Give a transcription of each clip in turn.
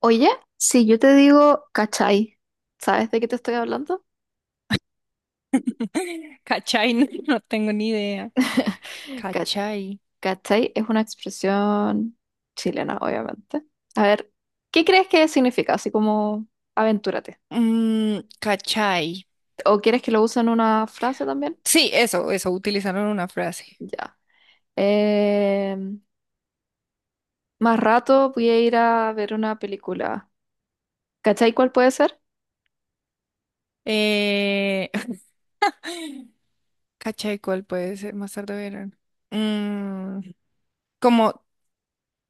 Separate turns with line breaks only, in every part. Oye, si yo te digo cachai, ¿sabes de qué te estoy hablando?
Cachai, no, no tengo ni idea.
Ca-
Cachai.
Cachai es una expresión chilena, obviamente. A ver, ¿qué crees que significa? Así como aventúrate.
Cachai.
¿O quieres que lo use en una frase también?
Sí, eso, utilizaron una frase.
Ya. Eh, Más rato voy a ir a ver una película. ¿Cachai cuál puede ser?
Eh, cachai, ¿cuál puede ser? Más tarde verán. Mm, como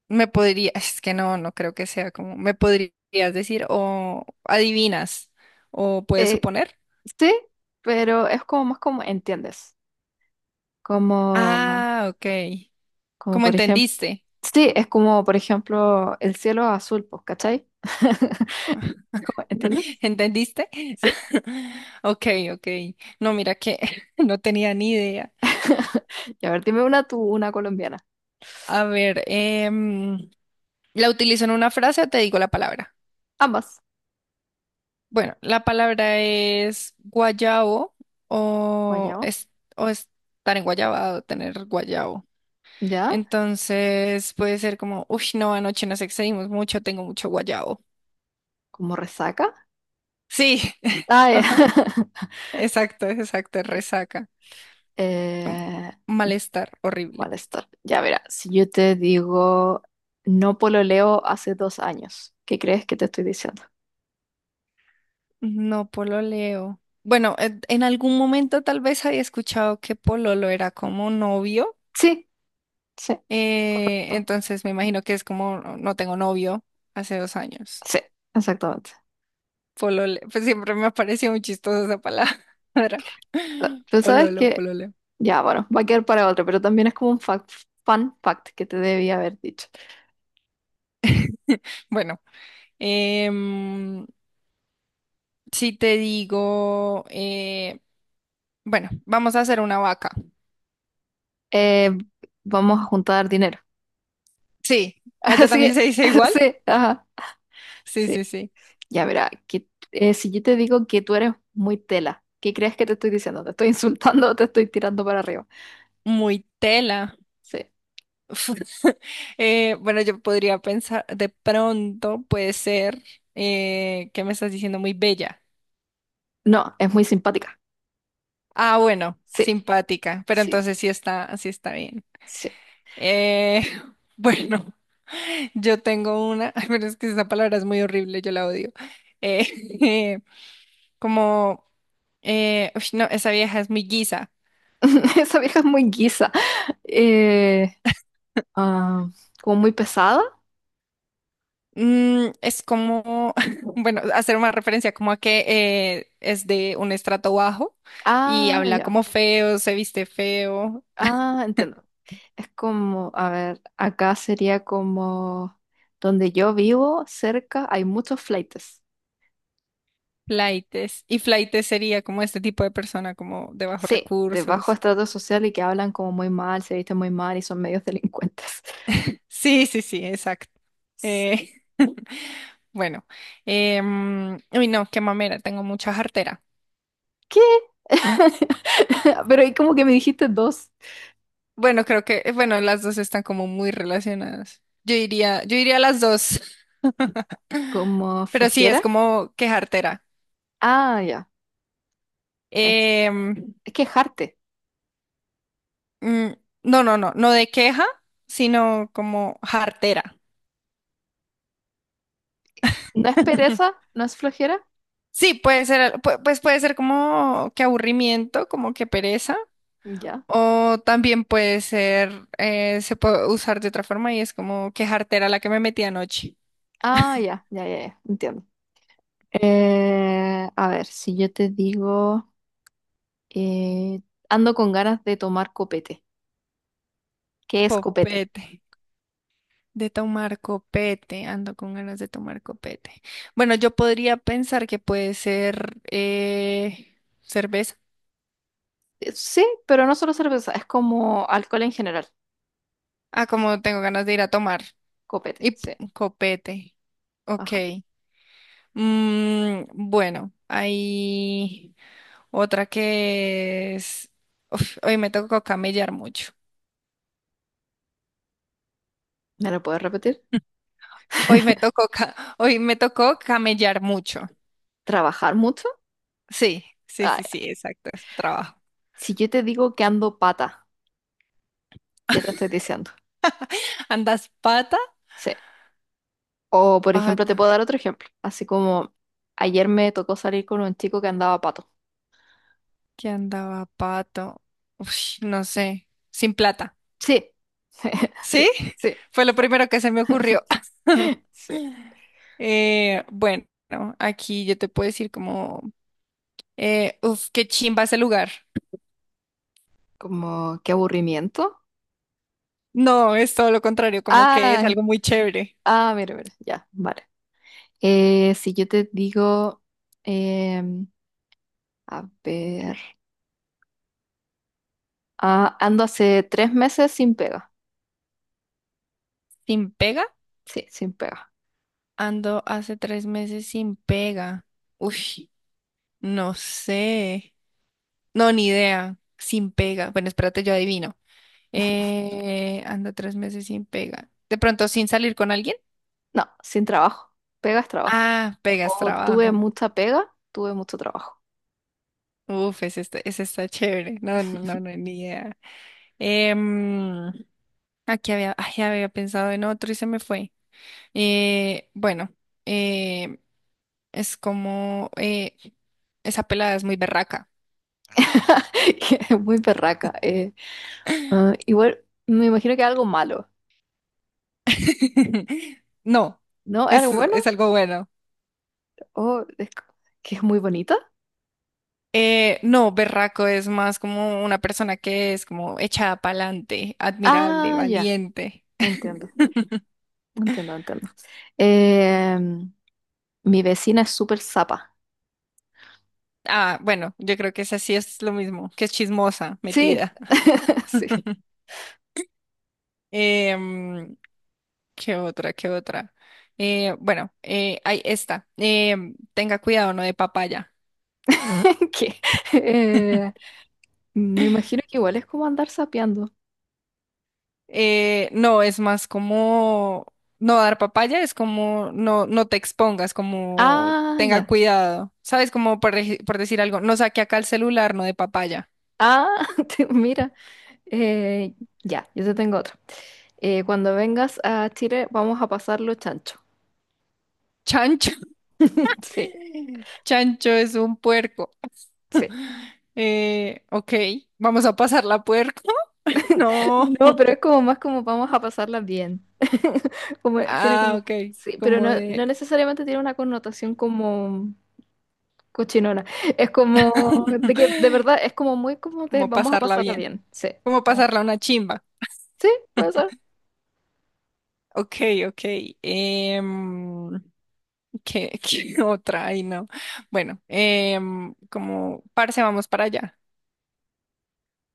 me podría, es que no, no creo que sea como, me podrías decir o adivinas o puedes
Eh,
suponer.
sí, pero es como más como entiendes. Como
Ah, ok.
Como
¿Cómo
por ejemplo,
entendiste?
sí, es como por ejemplo el cielo azul, pues, ¿cachai? ¿Cómo? ¿Entiendes?
¿Entendiste?
Sí.
Ok, ok. No, mira que no tenía ni idea.
Y a ver, dime una tú, una colombiana.
A ver, ¿la utilizo en una frase o te digo la palabra?
Ambas.
Bueno, la palabra es guayabo o,
Guayabo.
es, o estar en guayabado, tener guayabo.
¿Ya?
Entonces puede ser como, uy, no, anoche nos excedimos mucho, tengo mucho guayabo.
¿Como resaca?
Sí,
Ah, ya.
ajá, exacto, exacto, resaca. Como
Eh,
malestar horrible.
Malestar. Ya verá, si yo te digo no pololeo hace 2 años, ¿qué crees que te estoy diciendo?
No pololeo. Bueno, en algún momento tal vez había escuchado que pololo era como novio.
Sí, sí, correcto.
Entonces me imagino que es como no no tengo novio hace 2 años.
Sí, exactamente.
Polole. Pues siempre me ha parecido muy chistosa esa palabra.
Pero, pero sabes
Pololo,
que
polole.
ya, bueno, va a quedar para otro, pero también es como un fun fact que te debía haber dicho.
Bueno, em, si te digo, bueno, vamos a hacer una vaca.
Eh, Vamos a juntar dinero.
Sí, allá
Así,
también se dice igual.
sí, ajá.
Sí, sí,
Sí,
sí.
ya verá, que, si yo te digo que tú eres muy tela, ¿qué crees que te estoy diciendo? ¿Te estoy insultando o te estoy tirando para arriba?
Muy tela.
Sí.
Bueno, yo podría pensar, de pronto puede ser que me estás diciendo muy bella.
No, es muy simpática.
Ah, bueno,
Sí,
simpática, pero
sí,
entonces sí está bien.
sí.
Eh, bueno, yo tengo una, ay, pero es que esa palabra es muy horrible, yo la odio. Eh, como, uy, no, esa vieja es muy guisa.
Esa vieja es muy guisa. Eh, ah, Como muy pesada.
Es como, bueno, hacer una referencia como a que es de un estrato bajo y
Ah,
habla
ya.
como feo, se viste feo,
Ah, entiendo. Es como, a ver, acá sería como donde yo vivo, cerca, hay muchos flaites.
flaites. Y flaites sería como este tipo de persona, como de bajos
Sí, de bajo
recursos.
estrato social y que hablan como muy mal, se visten muy mal y son medios delincuentes.
Sí, sí, sí, exacto.
S-
Eh, bueno, uy, no, qué mamera, tengo mucha jartera.
¿Qué? Pero ahí como que me dijiste dos,
Bueno, creo que, bueno, las dos están como muy relacionadas. Yo iría a las dos,
como
pero sí, es
flojera.
como que jartera.
Ah, ya. Es,
Em,
es quejarte.
mm, no, no, no, no de queja, sino como jartera.
¿No es pereza? ¿No es flojera?
Sí, puede ser, pues puede ser como que aburrimiento, como que pereza,
Ya.
o también puede ser, se puede usar de otra forma y es como que jartera la que me metí anoche.
Ah, ya, ya, ya, ya. Entiendo. A ver, si yo te digo. Eh, Ando con ganas de tomar copete. ¿Qué es copete?
Copete. De tomar copete, ando con ganas de tomar copete. Bueno, yo podría pensar que puede ser cerveza.
Sí, pero no solo cerveza, es como alcohol en general.
Ah, como tengo ganas de ir a tomar.
Copete,
Y
sí.
copete. Ok.
Ajá.
Bueno, hay otra que es, uf, hoy me tocó camellar mucho.
¿Me lo puedes repetir?
Hoy me tocó, ca- Hoy me tocó camellar mucho.
¿Trabajar mucho?
Sí, sí,
Ah,
sí,
ya.
sí, exacto, es trabajo.
Si yo te digo que ando pata, ¿qué te estoy diciendo?
¿Andas pata?
Sí. O, por ejemplo, te puedo dar otro ejemplo. Así como ayer me tocó salir con un chico que andaba pato.
Que andaba pato. Uf, no sé, sin plata.
Sí. Sí,
¿Sí?
sí, sí.
Fue lo primero que se me ocurrió.
Sí.
Bueno, aquí yo te puedo decir como, uf, qué chimba ese lugar.
Como, qué aburrimiento.
No, es todo lo contrario, como que es
Ah,
algo muy chévere.
ah, mira, mira, ya, vale. Si yo te digo, em, a ver, ah, ando hace 3 meses sin pega.
¿Sin pega?
Sí, sin pega.
Ando hace 3 meses sin pega. Uy, no sé. No, ni idea. Sin pega. Bueno, espérate, yo adivino. Ando 3 meses sin pega. ¿De pronto sin salir con alguien?
No, sin trabajo. Pega es trabajo.
Ah, pegas
O tuve
trabajo.
mucha pega, tuve mucho trabajo.
Uf, ese está chévere. No, no, no, no, ni idea. Em, aquí había, ay, había pensado en otro y se me fue. Bueno, eh, es como esa pelada es muy berraca.
Que es muy perraca. Ah, igual, me imagino que algo malo,
No,
¿no?
es,
¿Algo bueno?
es algo bueno.
¿O es que es muy bonita?
No, berraco es más como una persona que es como echada para adelante, admirable,
Ah, ya,
valiente.
entiendo, entiendo, entiendo. Em, Mi vecina es súper zapa.
Ah, bueno, yo creo que esa sí es lo mismo, que es chismosa,
Sí,
metida.
sí.
Em, ¿qué otra? ¿Qué otra? Bueno, hay esta. Tenga cuidado, no de papaya.
Que, eh, me imagino que igual es como andar sapeando.
No, es más como no dar papaya, es como no, no te expongas, como
Ah,
tenga
ya.
cuidado. ¿Sabes? Como por decir algo, no saque acá el celular, no de papaya.
Ah, mira. Eh, ya, yo te tengo otro. Cuando vengas a Chile vamos a pasarlo chancho.
Chancho.
Sí,
Chancho es un puerco.
sí.
Ok, vamos a pasar la puerco. No.
No, pero es como más como vamos a pasarla bien. Como, tiene
Ah,
como...
ok,
Sí, pero
como
no,
de.
no necesariamente tiene una connotación como cochinona. Es como de que de verdad es como muy como de
Como
vamos a
pasarla
pasarla
bien.
bien. Sí.
Como
Como-
pasarla una chimba.
Sí, puede ser.
Ok, ok. em, qué otra? Ay, no. Bueno, como parce, vamos para allá.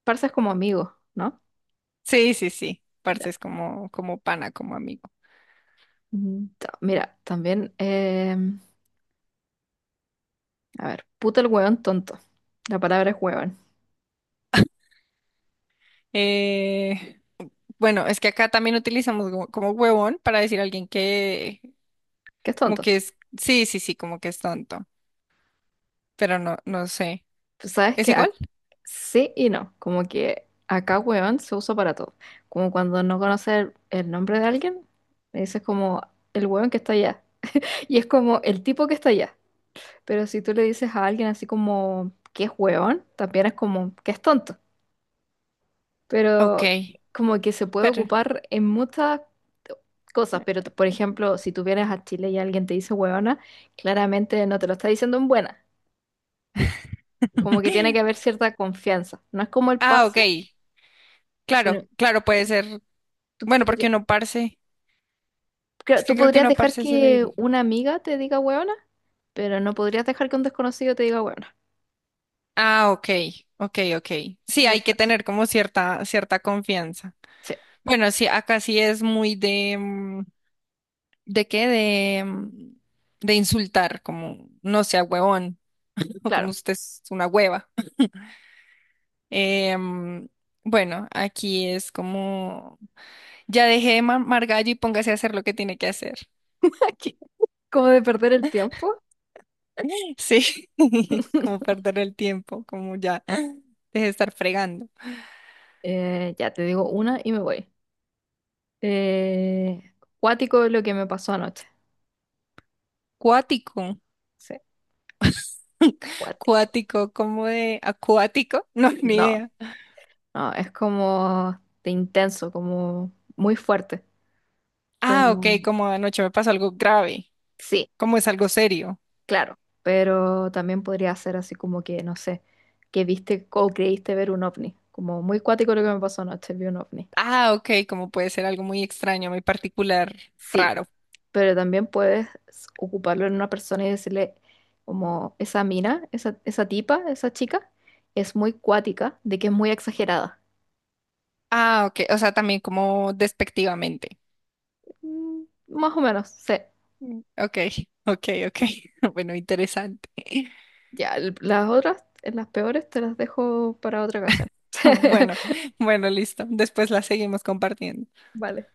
¿Parsas como amigos, no?
Sí, sí, sí. Parce
Ya.
es como, como, pana, como amigo.
Ujú. Mira, también, a ver, puta el hueón tonto. La palabra es hueón.
Eh, bueno, es que acá también utilizamos como huevón para decir a alguien que,
¿Qué es
como
tonto?
que es, sí, sí, sí, como que es tonto. Pero no, no sé.
Pues sabes
¿Es
que
igual?
sí y no. Como que acá hueón se usa para todo. Como cuando no conoces el nombre de alguien, le dices como el hueón que está allá. Y es como el tipo que está allá. Pero si tú le dices a alguien así como que es hueón, también es como que es tonto.
Ok.
Pero como que se puede
Pero.
ocupar en muchas cosas, pero por ejemplo, si tú vienes a Chile y alguien te dice huevona, claramente no te lo está diciendo en buena, como que tiene que haber cierta confianza, no es como el
Ah, ok.
parce,
Claro,
sino
claro, puede ser.
tú
Bueno, porque
podrías,
uno parce. Es
tú
que creo que
podrías
una
dejar
parce sí le
que
diría.
una amiga te diga huevona, pero no podrías dejar que un desconocido te diga huevona,
Ah, ok, ok, ok.
esa es
Sí,
la
hay que
diferencia.
tener como cierta, cierta confianza.
Sí,
Bueno, sí, acá sí es muy de, ¿de qué? De insultar, como no sea huevón, o como
claro,
usted es una hueva. Em, bueno, aquí es como, ya dejé de mamar gallo y póngase a hacer lo que tiene que hacer.
aquí, como de perder el tiempo,
Sí, como perder el tiempo, como ya, deje de estar fregando.
ya te digo una y me voy. Eh, Cuático es lo que me pasó anoche.
Cuático.
Sí, cuático.
Cuático, como de acuático, no, ni
No,
idea.
no, es como de intenso, como muy fuerte.
Ah, ok,
Como,
como anoche me pasó algo grave,
sí,
como es algo serio.
claro, pero también podría ser así como que, no sé, que viste o creíste ver un ovni. Como muy cuático lo que me pasó anoche, vi un ovni.
Ah, ok, como puede ser algo muy extraño, muy particular,
Sí,
raro.
pero también puedes ocuparlo en una persona y decirle, como, esa mina, esa tipa, esa chica, es muy cuática, de que es muy exagerada.
Ah, ok, o sea, también como despectivamente.
Mm, más o menos, sí.
Mm. Ok, ok, ok. Bueno, interesante.
Ya, las otras, las peores, te las dejo para otra ocasión.
Bueno, bueno, listo. Después la seguimos compartiendo.
Vale.